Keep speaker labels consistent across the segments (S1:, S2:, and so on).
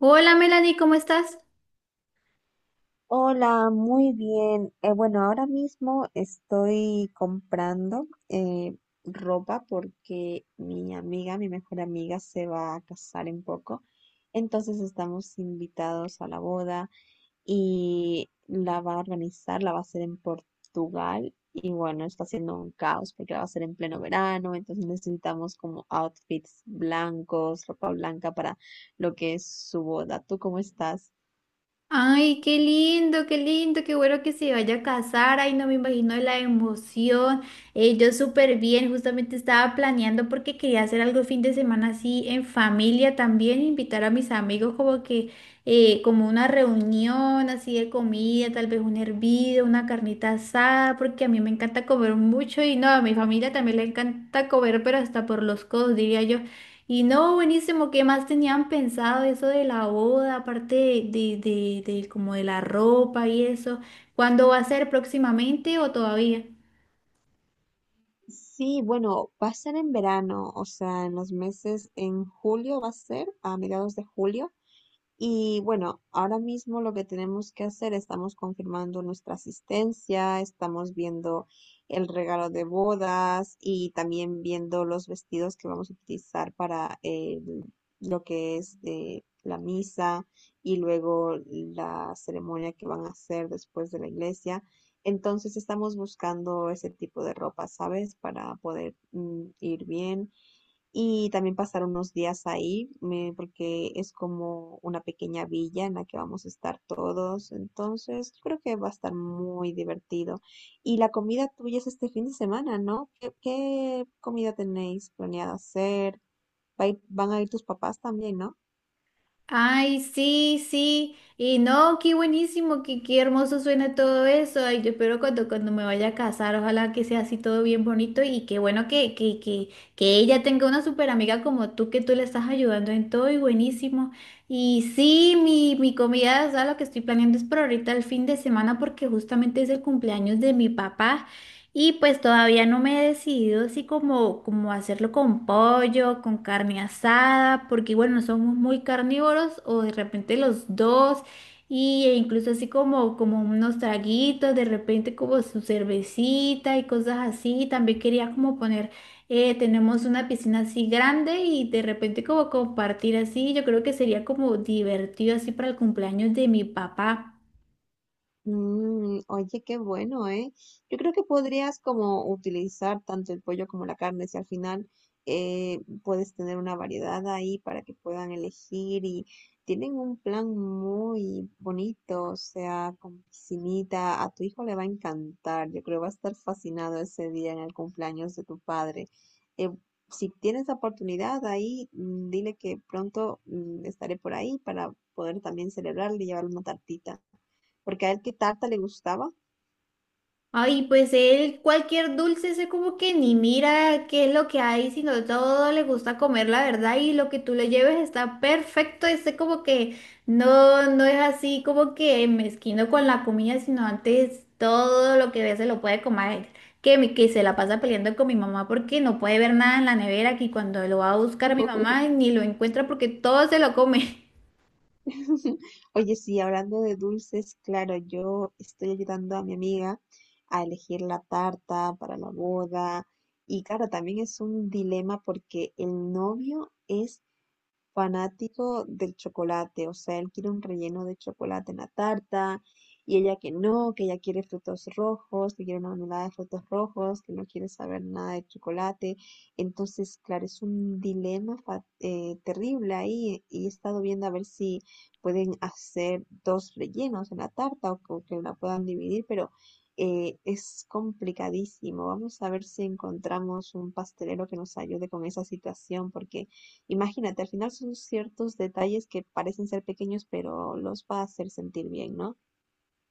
S1: Hola Melanie, ¿cómo estás?
S2: Hola, muy bien. Bueno, ahora mismo estoy comprando ropa porque mi amiga, mi mejor amiga, se va a casar en poco. Entonces estamos invitados a la boda y la va a organizar, la va a hacer en Portugal. Y bueno, está haciendo un caos porque la va a hacer en pleno verano. Entonces necesitamos como outfits blancos, ropa blanca para lo que es su boda. ¿Tú cómo estás?
S1: Ay, qué lindo, qué lindo, qué bueno que se vaya a casar. Ay, no me imagino la emoción. Yo súper bien, justamente estaba planeando porque quería hacer algo el fin de semana así en familia también, invitar a mis amigos como que como una reunión así de comida, tal vez un hervido, una carnita asada, porque a mí me encanta comer mucho y no, a mi familia también le encanta comer, pero hasta por los codos, diría yo. Y no, buenísimo, ¿qué más tenían pensado eso de la boda, aparte de como de la ropa y eso? ¿Cuándo va a ser próximamente o todavía?
S2: Sí, bueno, va a ser en verano, o sea, en los meses, en julio va a ser, a mediados de julio. Y bueno, ahora mismo lo que tenemos que hacer, estamos confirmando nuestra asistencia, estamos viendo el regalo de bodas y también viendo los vestidos que vamos a utilizar para lo que es la misa y luego la ceremonia que van a hacer después de la iglesia. Entonces estamos buscando ese tipo de ropa, ¿sabes? Para poder ir bien y también pasar unos días ahí, porque es como una pequeña villa en la que vamos a estar todos. Entonces, yo creo que va a estar muy divertido. Y la comida tuya es este fin de semana, ¿no? Qué comida tenéis planeada hacer? Van a ir tus papás también, ¿no?
S1: Ay, sí, sí. Y no, qué buenísimo, qué, qué hermoso suena todo eso. Ay, yo espero cuando me vaya a casar, ojalá que sea así todo bien bonito y qué bueno que ella tenga una súper amiga como tú, que tú le estás ayudando en todo y buenísimo. Y sí, mi comida, o sea, lo que estoy planeando es por ahorita el fin de semana porque justamente es el cumpleaños de mi papá. Y pues todavía no me he decidido así como hacerlo con pollo, con carne asada, porque bueno, somos muy carnívoros o de repente los dos, y, e incluso así como unos traguitos, de repente como su cervecita y cosas así. También quería como poner, tenemos una piscina así grande y de repente como compartir así, yo creo que sería como divertido así para el cumpleaños de mi papá.
S2: Mm, oye, qué bueno, ¿eh? Yo creo que podrías como utilizar tanto el pollo como la carne, si al final puedes tener una variedad ahí para que puedan elegir y tienen un plan muy bonito, o sea, con piscinita, a tu hijo le va a encantar, yo creo va a estar fascinado ese día en el cumpleaños de tu padre. Eh, si tienes la oportunidad ahí, dile que pronto estaré por ahí para poder también celebrarle y llevarle una tartita porque a él qué tarta le gustaba.
S1: Ay, pues él cualquier dulce se como que ni mira qué es lo que hay, sino todo le gusta comer, la verdad, y lo que tú le lleves está perfecto, ese como que no, no es así como que mezquino con la comida, sino antes todo lo que ve se lo puede comer, que, que se la pasa peleando con mi mamá porque no puede ver nada en la nevera, que cuando lo va a buscar mi mamá ni lo encuentra porque todo se lo come.
S2: Oye, sí, hablando de dulces, claro, yo estoy ayudando a mi amiga a elegir la tarta para la boda. Y claro, también es un dilema porque el novio es fanático del chocolate, o sea, él quiere un relleno de chocolate en la tarta y ella que no, que ella quiere frutos rojos, que quiere una mermelada de frutos rojos, que no quiere saber nada de chocolate. Entonces, claro, es un dilema terrible ahí y he estado viendo a ver si pueden hacer dos rellenos en la tarta o que la puedan dividir, pero... es complicadísimo. Vamos a ver si encontramos un pastelero que nos ayude con esa situación, porque imagínate, al final son ciertos detalles que parecen ser pequeños, pero los va a hacer sentir bien, ¿no?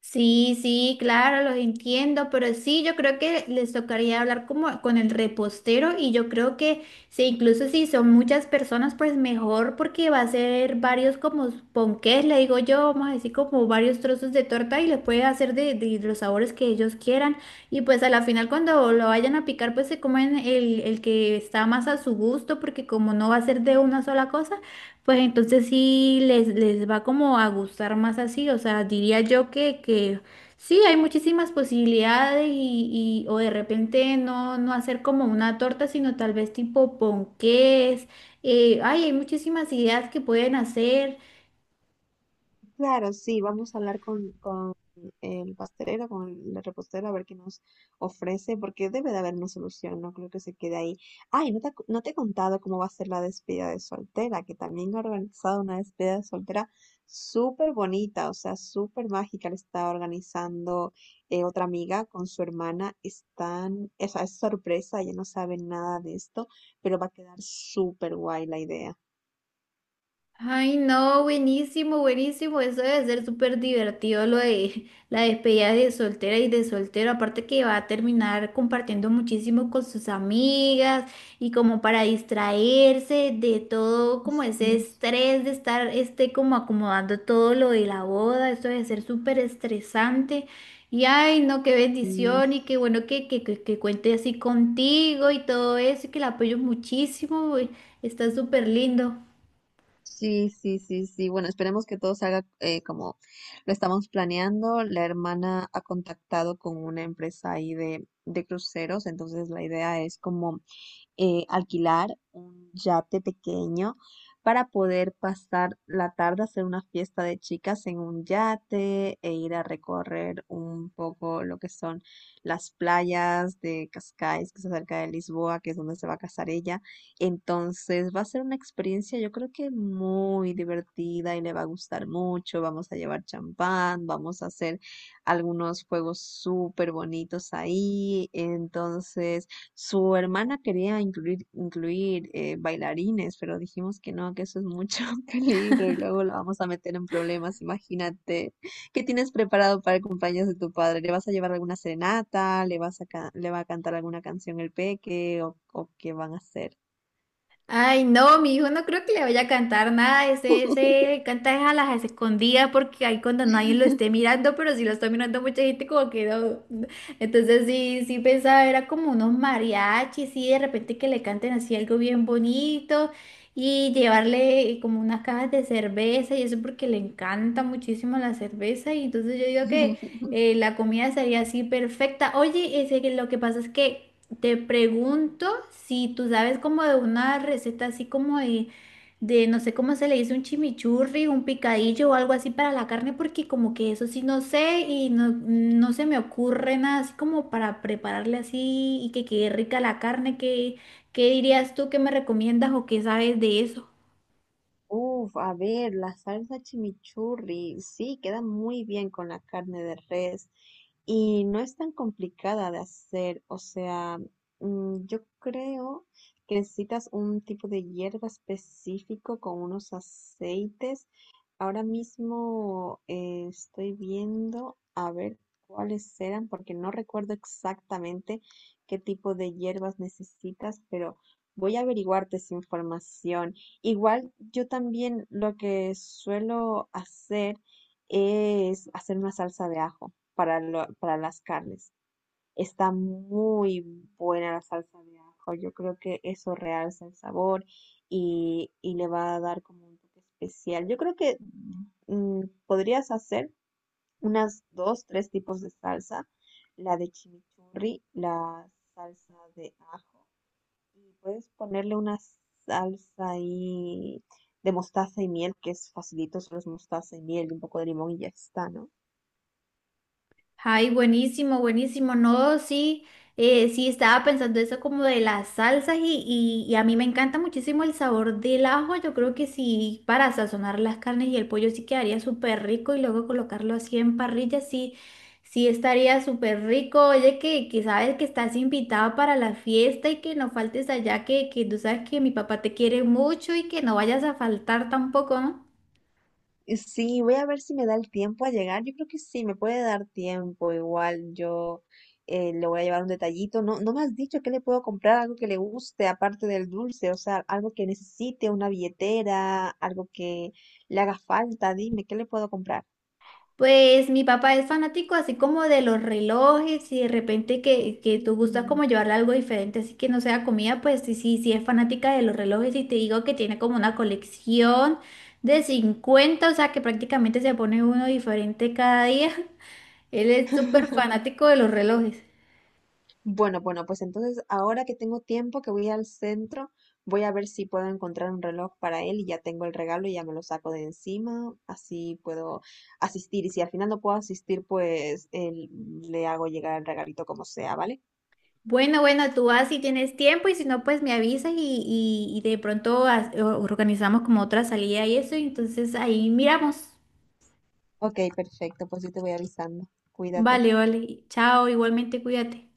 S1: Sí, sí, claro, los entiendo, pero sí, yo creo que les tocaría hablar como con el repostero y yo creo que sí, incluso si son muchas personas, pues mejor porque va a ser varios como ponqués, le digo yo, vamos a decir como varios trozos de torta y le puede hacer de los sabores que ellos quieran y pues a la final cuando lo vayan a picar, pues se comen el que está más a su gusto porque como no va a ser de una sola cosa pues entonces sí les va como a gustar más así, o sea, diría yo que sí, hay muchísimas posibilidades o de repente no, no hacer como una torta, sino tal vez tipo ponqués, ay, hay muchísimas ideas que pueden hacer.
S2: Claro, sí, vamos a hablar con el pastelero, con el repostero, a ver qué nos ofrece, porque debe de haber una solución, no creo que se quede ahí. Ay, no te he contado cómo va a ser la despedida de soltera, que también ha organizado una despedida de soltera súper bonita, o sea, súper mágica, la está organizando otra amiga con su hermana, están, o sea, es sorpresa, ella no sabe nada de esto, pero va a quedar súper guay la idea.
S1: Ay, no, buenísimo, buenísimo. Eso debe ser súper divertido lo de la despedida de soltera y de soltero. Aparte que va a terminar compartiendo muchísimo con sus amigas y como para distraerse de todo como ese estrés de estar este como acomodando todo lo de la boda. Eso debe ser súper estresante. Y ay, no, qué
S2: Mm.
S1: bendición y qué bueno que cuente así contigo y todo eso y que la apoyo muchísimo. Está súper lindo.
S2: Sí, sí, sí, sí. Bueno, esperemos que todo salga como lo estamos planeando. La hermana ha contactado con una empresa ahí de cruceros, entonces la idea es como alquilar un yate pequeño para poder pasar la tarde, hacer una fiesta de chicas en un yate e ir a recorrer un poco lo que son las playas de Cascais, que es cerca de Lisboa, que es donde se va a casar ella. Entonces va a ser una experiencia yo creo que muy divertida y le va a gustar mucho. Vamos a llevar champán, vamos a hacer algunos juegos súper bonitos ahí. Entonces... Su hermana quería incluir bailarines, pero dijimos que no, que eso es mucho peligro y luego la vamos a meter en problemas. Imagínate, ¿qué tienes preparado para el cumpleaños de tu padre? ¿Le vas a llevar alguna serenata? Le va a cantar alguna canción el peque? O qué van a hacer?
S1: Ay, no, mi hijo no creo que le vaya a cantar nada. Ese canta es a las escondidas porque ahí cuando nadie lo esté mirando, pero si lo está mirando mucha gente, como que no. no. Entonces sí, sí pensaba, era como unos mariachis, sí, de repente que le canten así algo bien bonito y llevarle como unas cajas de cerveza y eso porque le encanta muchísimo la cerveza. Y entonces yo digo que la comida sería así perfecta. Oye, ese, que lo que pasa es que. Te pregunto si tú sabes como de una receta así como de no sé cómo se le dice, un chimichurri, un picadillo o algo así para la carne, porque como que eso sí no sé y no, no se me ocurre nada así como para prepararle así y que quede rica la carne. ¿Qué, qué dirías tú? ¿Qué me recomiendas o qué sabes de eso?
S2: Uf, a ver, la salsa chimichurri, sí, queda muy bien con la carne de res y no es tan complicada de hacer, o sea, yo creo que necesitas un tipo de hierba específico con unos aceites. Ahora mismo estoy viendo a ver cuáles eran, porque no recuerdo exactamente qué tipo de hierbas necesitas, pero voy a averiguarte esa información. Igual yo también lo que suelo hacer es hacer una salsa de ajo para, para las carnes. Está muy buena la salsa de ajo. Yo creo que eso realza el sabor y le va a dar como un toque especial. Yo creo que podrías hacer unas dos, tres tipos de salsa. La de chimichurri, la salsa de ajo y puedes ponerle una salsa ahí de mostaza y miel, que es facilito, solo es mostaza y miel y un poco de limón y ya está, ¿no?
S1: Ay, buenísimo, buenísimo. No, sí, sí, estaba pensando eso como de las salsas y a mí me encanta muchísimo el sabor del ajo. Yo creo que sí, para sazonar las carnes y el pollo sí quedaría súper rico y luego colocarlo así en parrilla, sí, sí estaría súper rico. Oye, que sabes que estás invitado para la fiesta y que no faltes allá, que tú sabes que mi papá te quiere mucho y que no vayas a faltar tampoco, ¿no?
S2: Y sí, voy a ver si me da el tiempo a llegar. Yo creo que sí, me puede dar tiempo. Igual yo le voy a llevar un detallito. No, no me has dicho que le puedo comprar algo que le guste, aparte del dulce, o sea, algo que necesite, una billetera, algo que le haga falta. Dime, ¿qué le puedo comprar?
S1: Pues mi papá es fanático así como de los relojes y de repente que tú gustas
S2: Mm.
S1: como llevarle algo diferente, así que no sea comida, pues sí, sí, sí es fanática de los relojes y te digo que tiene como una colección de 50, o sea que prácticamente se pone uno diferente cada día. Él es súper fanático de los relojes.
S2: Bueno, bueno, pues entonces ahora que tengo tiempo, que voy al centro, voy a ver si puedo encontrar un reloj para él y ya tengo el regalo y ya me lo saco de encima, así puedo asistir. Y si al final no puedo asistir, le hago llegar el regalito como sea, ¿vale?
S1: Bueno, bueno, tú vas si tienes tiempo y si no, pues me avisas y de pronto organizamos como otra salida y eso, y entonces ahí miramos.
S2: Ok, perfecto, pues yo te voy avisando. Cuídate.
S1: Vale, vale. Chao, igualmente cuídate.